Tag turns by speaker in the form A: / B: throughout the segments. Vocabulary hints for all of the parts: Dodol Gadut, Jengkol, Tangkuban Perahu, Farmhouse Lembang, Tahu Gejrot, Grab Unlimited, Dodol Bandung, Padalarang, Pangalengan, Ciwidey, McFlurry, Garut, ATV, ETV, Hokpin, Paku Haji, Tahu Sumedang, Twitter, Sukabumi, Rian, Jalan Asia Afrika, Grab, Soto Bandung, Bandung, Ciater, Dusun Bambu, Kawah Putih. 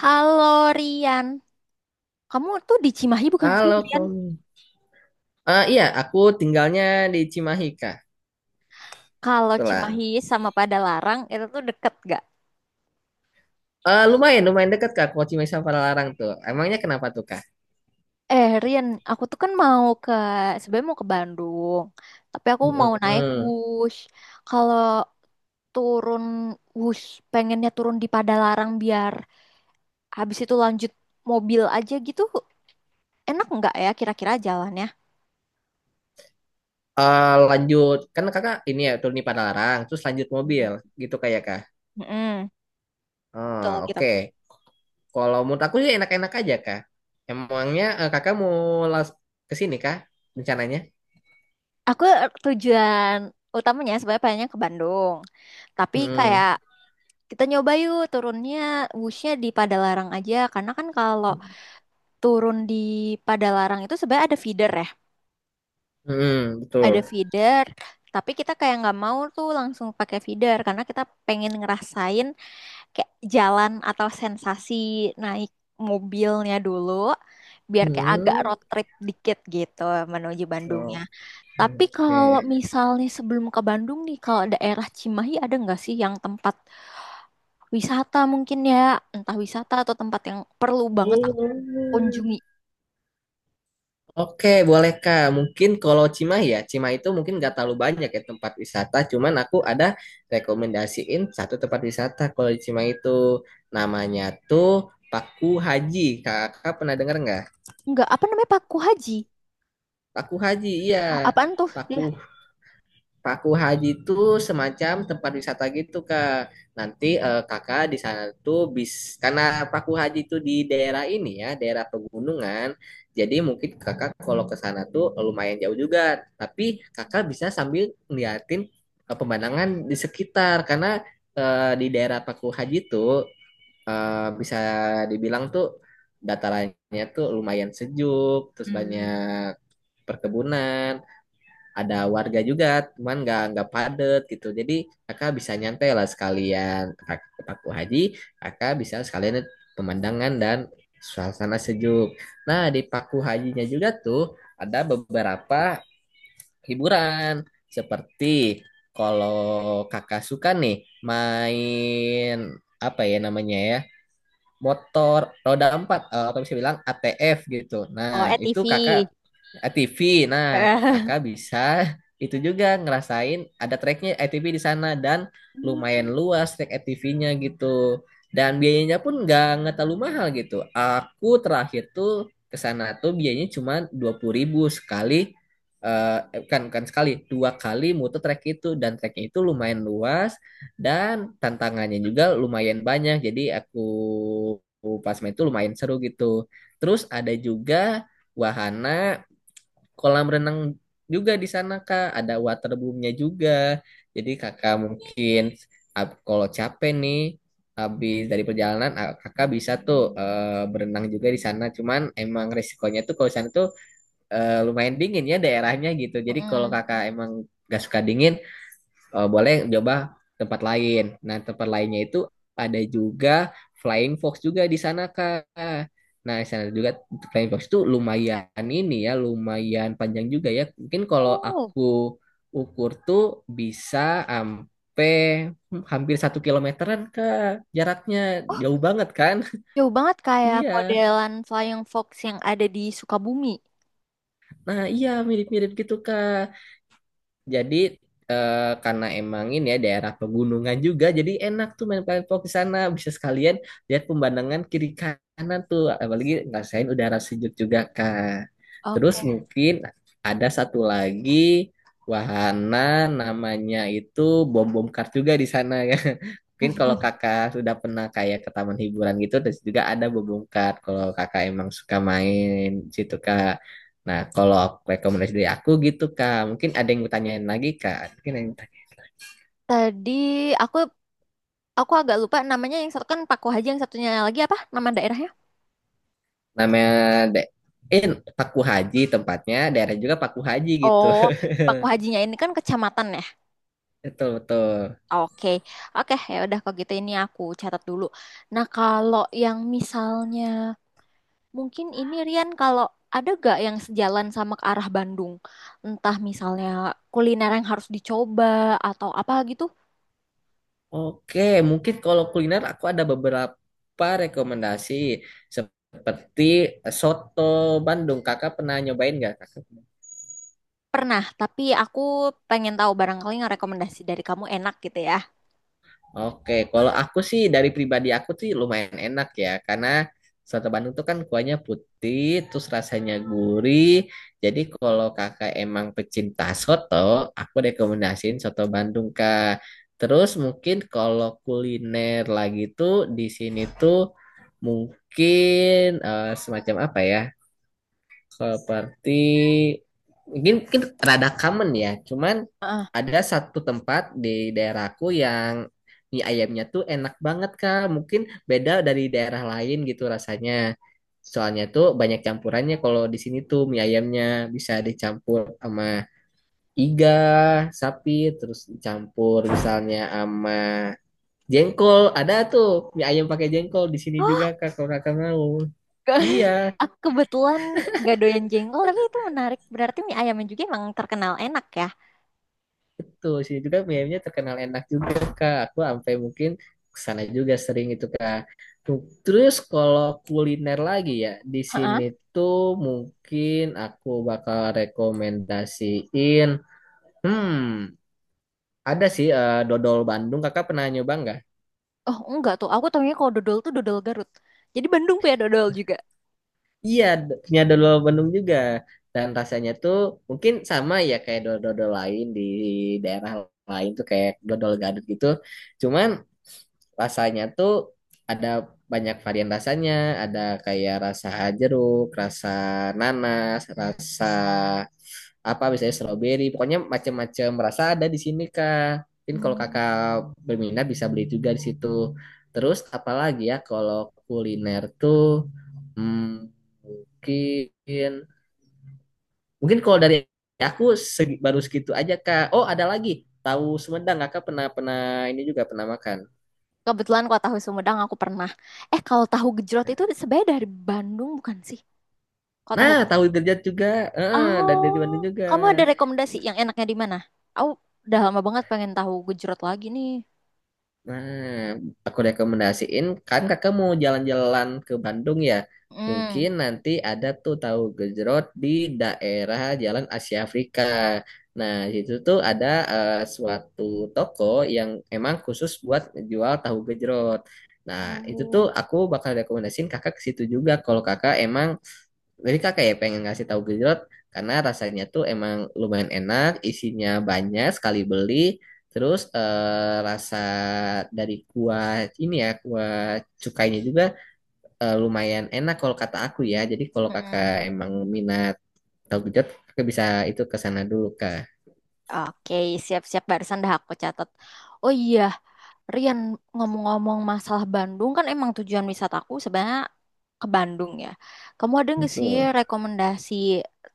A: Halo Rian, kamu tuh di Cimahi bukan sih
B: Halo,
A: Rian?
B: kamu. Eh iya, aku tinggalnya di Cimahi, Kak.
A: Kalau
B: Kebetulan.
A: Cimahi sama Padalarang itu tuh deket gak?
B: Eh lumayan, lumayan dekat, Kak. Kalau Cimahi sama Padalarang tuh. Emangnya kenapa tuh, Kak?
A: Rian, aku tuh kan mau ke sebenarnya mau ke Bandung, tapi aku mau naik
B: Mm-mm.
A: bus. Kalau turun bus, pengennya turun di Padalarang biar habis itu lanjut mobil aja gitu, enak nggak ya kira-kira jalannya?
B: Eh, lanjut. Kan Kakak ini ya, turun di Padalarang. Terus lanjut
A: Hmm.
B: mobil. Gitu kayak, Kak.
A: Mm-mm. Betul
B: Oh,
A: gitu.
B: oke. Kalau menurut aku sih enak-enak aja, Kak. Emangnya Kakak mau las- ke sini, Kak? Rencananya?
A: Aku tujuan utamanya sebenarnya pengennya ke Bandung, tapi
B: Mm-mm.
A: kayak kita nyoba yuk turunnya busnya di Padalarang aja karena kan kalau turun di Padalarang itu sebenarnya ada feeder ya,
B: Mm-mm,
A: ada
B: betul.
A: feeder. Tapi kita kayak nggak mau tuh langsung pakai feeder karena kita pengen ngerasain kayak jalan atau sensasi naik mobilnya dulu, biar kayak agak
B: Hmm.
A: road trip dikit gitu menuju Bandungnya. Tapi kalau
B: Oke.
A: misalnya sebelum ke Bandung nih, kalau daerah Cimahi ada nggak sih yang tempat wisata mungkin ya, entah wisata atau tempat yang perlu banget aku
B: Oh.
A: kunjungi.
B: Oke, boleh Kak. Mungkin kalau Cimahi ya, Cimahi itu mungkin nggak terlalu banyak ya tempat wisata. Cuman aku ada rekomendasiin satu tempat wisata kalau di Cimahi itu. Namanya tuh Paku Haji. Kakak pernah dengar nggak?
A: Enggak, apa namanya Paku Haji?
B: Paku Haji, iya.
A: A- Apaan tuh?
B: Paku
A: Dia
B: Paku Haji itu semacam tempat wisata gitu Kak. Nanti Kakak di sana tuh bis karena Paku Haji itu di daerah ini ya, daerah pegunungan. Jadi mungkin Kakak kalau ke sana tuh lumayan jauh juga. Tapi Kakak bisa sambil ngeliatin pemandangan di sekitar karena di daerah Paku Haji tuh bisa dibilang tuh datarannya tuh lumayan sejuk, terus banyak perkebunan ada warga juga, cuman nggak padet gitu. Jadi kakak bisa nyantai lah sekalian ke Paku Haji, kakak bisa sekalian lihat pemandangan dan suasana sejuk. Nah, di Paku Hajinya juga tuh ada beberapa hiburan seperti kalau kakak suka nih main apa ya namanya ya motor roda empat atau bisa bilang ATF gitu.
A: Oh,
B: Nah itu
A: ETV.
B: kakak ATV. Nah,
A: Eh,
B: kakak bisa itu juga ngerasain ada treknya ATV di sana dan
A: Hmm.
B: lumayan luas trek ATV-nya gitu. Dan biayanya pun nggak terlalu mahal gitu. Aku terakhir tuh ke sana tuh biayanya cuma 20.000 sekali kan kan sekali dua kali muter trek itu dan treknya itu lumayan luas dan tantangannya juga lumayan banyak. Jadi aku pas main itu lumayan seru gitu. Terus ada juga wahana kolam renang juga di sana Kak, ada waterboomnya juga. Jadi Kakak mungkin kalau capek nih habis dari perjalanan Kakak bisa tuh berenang juga di sana. Cuman emang resikonya tuh kalau di sana tuh lumayan dingin ya daerahnya gitu. Jadi kalau
A: Mm-mm.
B: Kakak emang gak suka dingin, boleh coba tempat lain. Nah, tempat lainnya itu ada juga Flying Fox juga di sana, Kak. Nah, di sana juga Flying Fox itu lumayan ini ya, lumayan panjang juga ya. Mungkin kalau
A: Oh,
B: aku ukur tuh bisa sampai hampir satu kilometeran, Kak. Jaraknya jauh banget kan?
A: jauh banget kayak
B: Iya.
A: modelan Flying Fox yang ada di Sukabumi.
B: Nah, iya mirip-mirip gitu, Kak. Jadi karena emang ini ya daerah pegunungan juga, jadi enak tuh main paintball di sana. Bisa sekalian lihat pemandangan kiri kanan tuh, apalagi ngerasain udara sejuk juga Kak. Terus
A: Oke.
B: mungkin ada satu lagi wahana namanya itu bom bom kar juga di sana ya. Mungkin kalau kakak sudah pernah kayak ke taman hiburan gitu, terus juga ada bom bom kar kalau kakak emang suka main di situ Kak. Nah, kalau rekomendasi dari aku gitu, Kak. Mungkin ada yang mau tanyain lagi, Kak. Mungkin ada yang
A: Tadi aku aku agak lupa namanya yang satu kan Paku Haji yang satunya lagi apa nama daerahnya?
B: namanya da- eh Paku Haji tempatnya, daerah juga Paku Haji gitu.
A: Oh, Paku Hajinya ini kan kecamatan ya?
B: Betul, betul.
A: Oke, oke ya udah kalau gitu ini aku catat dulu. Nah kalau yang misalnya mungkin ini Rian kalau ada gak yang sejalan sama ke arah Bandung, entah misalnya kuliner yang harus dicoba atau apa gitu
B: Oke, mungkin kalau kuliner aku ada beberapa rekomendasi seperti soto Bandung. Kakak pernah nyobain nggak, Kak?
A: pernah. Tapi aku pengen tahu barangkali yang rekomendasi dari kamu enak gitu ya.
B: Oke, kalau aku sih dari pribadi aku sih lumayan enak ya, karena soto Bandung tuh kan kuahnya putih, terus rasanya gurih. Jadi kalau kakak emang pecinta soto, aku rekomendasiin soto Bandung kak. Terus mungkin kalau kuliner lagi tuh di sini tuh mungkin semacam apa ya? Seperti mungkin, mungkin rada common ya, cuman
A: Heeh.
B: ada satu tempat di daerahku yang mie ayamnya tuh enak banget Kak. Mungkin beda dari daerah lain gitu rasanya. Soalnya tuh banyak campurannya kalau di sini tuh mie ayamnya bisa dicampur sama iga, sapi, terus dicampur misalnya sama jengkol. Ada tuh mie ayam pakai jengkol di sini juga Kak kalau Kakak mau.
A: Ke-
B: Iya.
A: Aku kebetulan gak doyan jengkol tapi itu menarik. Berarti mie ayamnya juga emang terkenal enak
B: Tuh, sih juga mie-nya terkenal enak juga, Kak. Aku sampai mungkin kesana juga sering itu, Kak. Tuh. Terus kalau kuliner lagi ya, di sini
A: ya.
B: tuh mungkin aku bakal rekomendasiin, hmm, ada sih dodol Bandung. Kakak pernah nyoba nggak?
A: Oh, enggak tuh. Aku tahunya kalau dodol tuh dodol Garut. Jadi Bandung punya dodol juga.
B: Iya, punya dodol Bandung juga. Dan rasanya tuh mungkin sama ya kayak dodol-dodol lain di daerah lain tuh kayak dodol gadut gitu. Cuman rasanya tuh ada banyak varian rasanya, ada kayak rasa jeruk, rasa nanas, rasa apa misalnya stroberi, pokoknya macam-macam rasa ada di sini Kak. Mungkin kalau Kakak
A: Hmm.
B: berminat bisa beli juga di situ. Terus apalagi ya kalau kuliner tuh hmm, mungkin mungkin kalau dari aku baru segitu aja Kak. Oh, ada lagi. Tahu Sumedang, Kakak pernah pernah ini juga pernah makan.
A: Kebetulan kalau tahu Sumedang aku pernah. Kalau tahu gejrot itu sebenarnya dari Bandung bukan sih? Kalau tahu
B: Nah,
A: gejrot.
B: tahu derajat juga. Eh, dan dari Bandung
A: Oh,
B: juga.
A: kamu ada rekomendasi yang enaknya di mana? Aku udah lama banget pengen tahu gejrot lagi nih.
B: Nah, aku rekomendasiin kan kakak mau jalan-jalan ke Bandung ya.
A: Hmm.
B: Mungkin nanti ada tuh tahu gejrot di daerah Jalan Asia Afrika. Nah, di situ tuh ada suatu toko yang emang khusus buat jual tahu gejrot. Nah, itu tuh
A: Oh.
B: aku bakal rekomendasiin kakak ke situ juga kalau kakak emang. Jadi kakak ya pengen ngasih tahu gejrot karena rasanya tuh emang lumayan enak, isinya banyak sekali beli. Terus rasa dari kuah ini ya, kuah cukainya juga lumayan enak kalau kata aku ya. Jadi kalau
A: Mm-mm.
B: kakak emang minat tahu gejrot, kakak bisa itu ke sana dulu kak.
A: Oke, siap-siap barusan dah aku catat. Oh iya, Rian, ngomong-ngomong masalah Bandung kan emang tujuan wisataku sebenarnya ke Bandung ya. Kamu ada nggak sih
B: Betul.
A: rekomendasi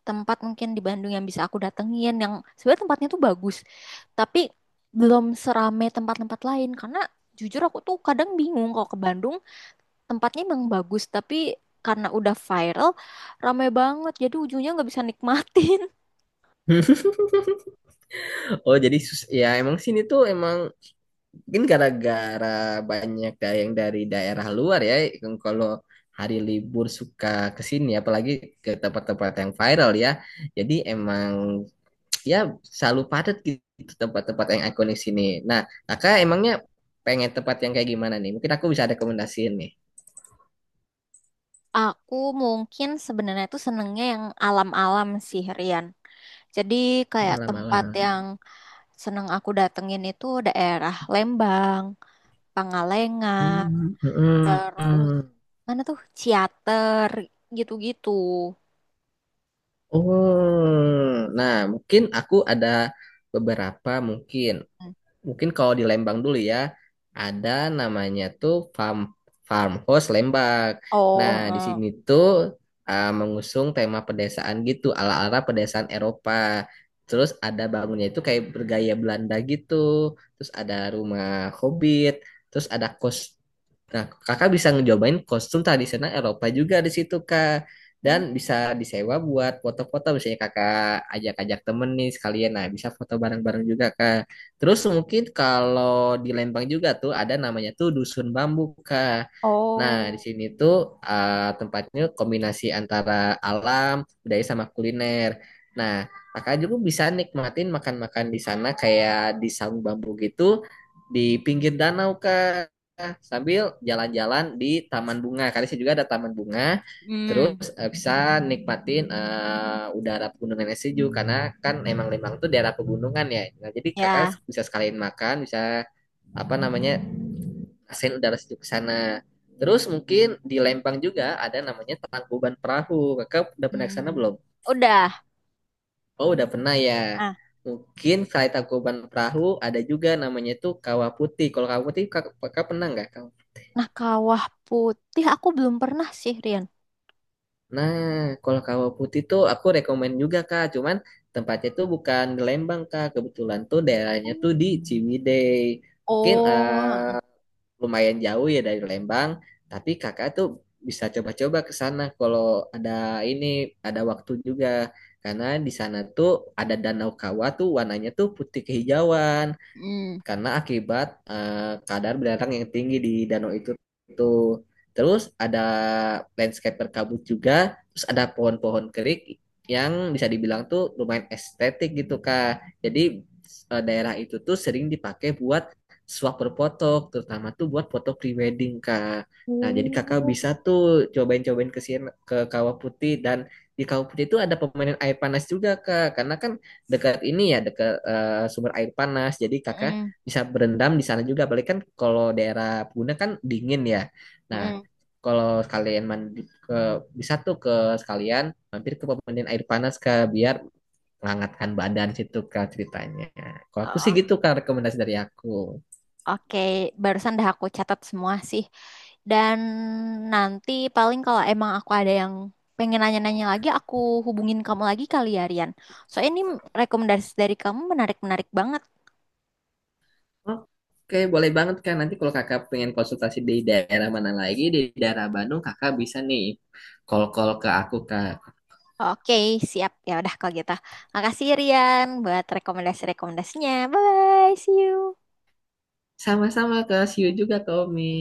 A: tempat mungkin di Bandung yang bisa aku datengin yang sebenarnya tempatnya tuh bagus, tapi belum serame tempat-tempat lain karena jujur aku tuh kadang bingung kalau ke Bandung tempatnya emang bagus tapi karena udah viral rame banget jadi ujungnya nggak bisa nikmatin.
B: Oh, jadi sus ya emang sini tuh emang mungkin gara-gara banyak yang dari daerah luar ya, yang kalau hari libur suka ke sini, apalagi ke tempat-tempat yang viral ya. Jadi emang ya selalu padat gitu tempat-tempat yang ikonik sini. Nah, kakak emangnya pengen tempat yang kayak gimana nih? Mungkin aku bisa rekomendasiin nih.
A: Aku mungkin sebenarnya tuh senengnya yang alam-alam sih Rian. Jadi kayak tempat
B: Malam-malam.
A: yang seneng aku datengin itu daerah Lembang, Pangalengan,
B: Hmm, hmm,
A: terus
B: hmm.
A: mana tuh Ciater gitu-gitu.
B: Oh, nah mungkin aku ada beberapa mungkin.
A: Hmm.
B: Mungkin kalau di Lembang dulu ya, ada namanya tuh farmhouse Lembang. Nah,
A: Oh,
B: di
A: eh.
B: sini tuh mengusung tema pedesaan gitu, ala-ala pedesaan Eropa. Terus ada bangunnya itu kayak bergaya Belanda gitu. Terus ada rumah hobbit, terus ada kos. Nah, kakak bisa ngejobain kostum tradisional Eropa juga di situ, Kak.
A: Hmm.
B: Dan bisa disewa buat foto-foto, misalnya kakak ajak-ajak temen nih sekalian. Nah, bisa foto bareng-bareng juga, Kak. Terus mungkin kalau di Lembang juga tuh ada namanya tuh Dusun Bambu, Kak. Nah, di
A: Oh,
B: sini tuh tempatnya kombinasi antara alam, budaya sama kuliner. Nah, kakak juga bisa nikmatin makan-makan di sana kayak di saung bambu gitu di pinggir danau, Kak, sambil jalan-jalan di taman bunga. Karena sih juga ada taman bunga. Terus
A: hmm,
B: bisa nikmatin udara pegunungannya sejuk karena kan emang Lembang tuh daerah pegunungan ya. Nah, jadi
A: ya,
B: kakak bisa sekalian makan, bisa apa namanya asin udara sejuk ke sana. Terus mungkin di Lembang juga ada namanya Tangkuban Perahu. Kakak udah pernah ke sana
A: hmm.
B: belum?
A: Udah.
B: Oh, udah pernah ya.
A: Ah,
B: Mungkin selain Tangkuban Perahu ada juga namanya tuh Kawah Putih. Kalau Kawah Putih kakak, kakak pernah nggak?
A: nah Kawah Putih aku belum pernah sih, Rian.
B: Nah, kalau kawah putih tuh aku rekomen juga Kak, cuman tempatnya tuh bukan di Lembang Kak, kebetulan tuh daerahnya tuh di Ciwidey. Mungkin
A: Oh,
B: lumayan jauh ya dari Lembang, tapi Kakak tuh bisa coba-coba ke sana kalau ada ini ada waktu juga. Karena di sana tuh ada danau kawah tuh warnanya tuh putih kehijauan
A: hmm.
B: karena akibat kadar belerang yang tinggi di danau itu tuh. Terus ada landscape berkabut juga, terus ada pohon-pohon kering yang bisa dibilang tuh lumayan estetik gitu Kak. Jadi daerah itu tuh sering dipakai buat swap berfoto, terutama tuh buat foto prewedding Kak. Nah, jadi Kakak
A: Oh.
B: bisa tuh cobain-cobain ke sini ke Kawah Putih dan di Kawah Putih itu ada permainan air panas juga Kak. Karena kan dekat ini ya dekat sumber air panas. Jadi Kakak
A: Mm,
B: bisa berendam di sana juga. Apalagi kan kalau daerah Puna kan dingin ya. Nah, kalau kalian mandi ke bisa tuh ke sekalian mampir ke pemandian air panas ke biar menghangatkan badan situ kak ceritanya. Kalau aku sih gitu
A: mm.
B: kak rekomendasi dari aku.
A: Oke, barusan dah aku catat semua sih. Dan nanti paling kalau emang aku ada yang pengen nanya-nanya lagi, aku hubungin kamu lagi kali ya, Rian. Soalnya ini rekomendasi dari kamu menarik-menarik banget.
B: Oke, boleh banget kan. Nanti kalau kakak pengen konsultasi di daerah mana lagi, di daerah Bandung, kakak bisa nih call-call ke aku, Kak.
A: Oke, siap. Ya udah kalau gitu. Makasih Rian buat rekomendasi-rekomendasinya. Bye, see you.
B: Sama-sama, Kak. See you juga, Kak Omi.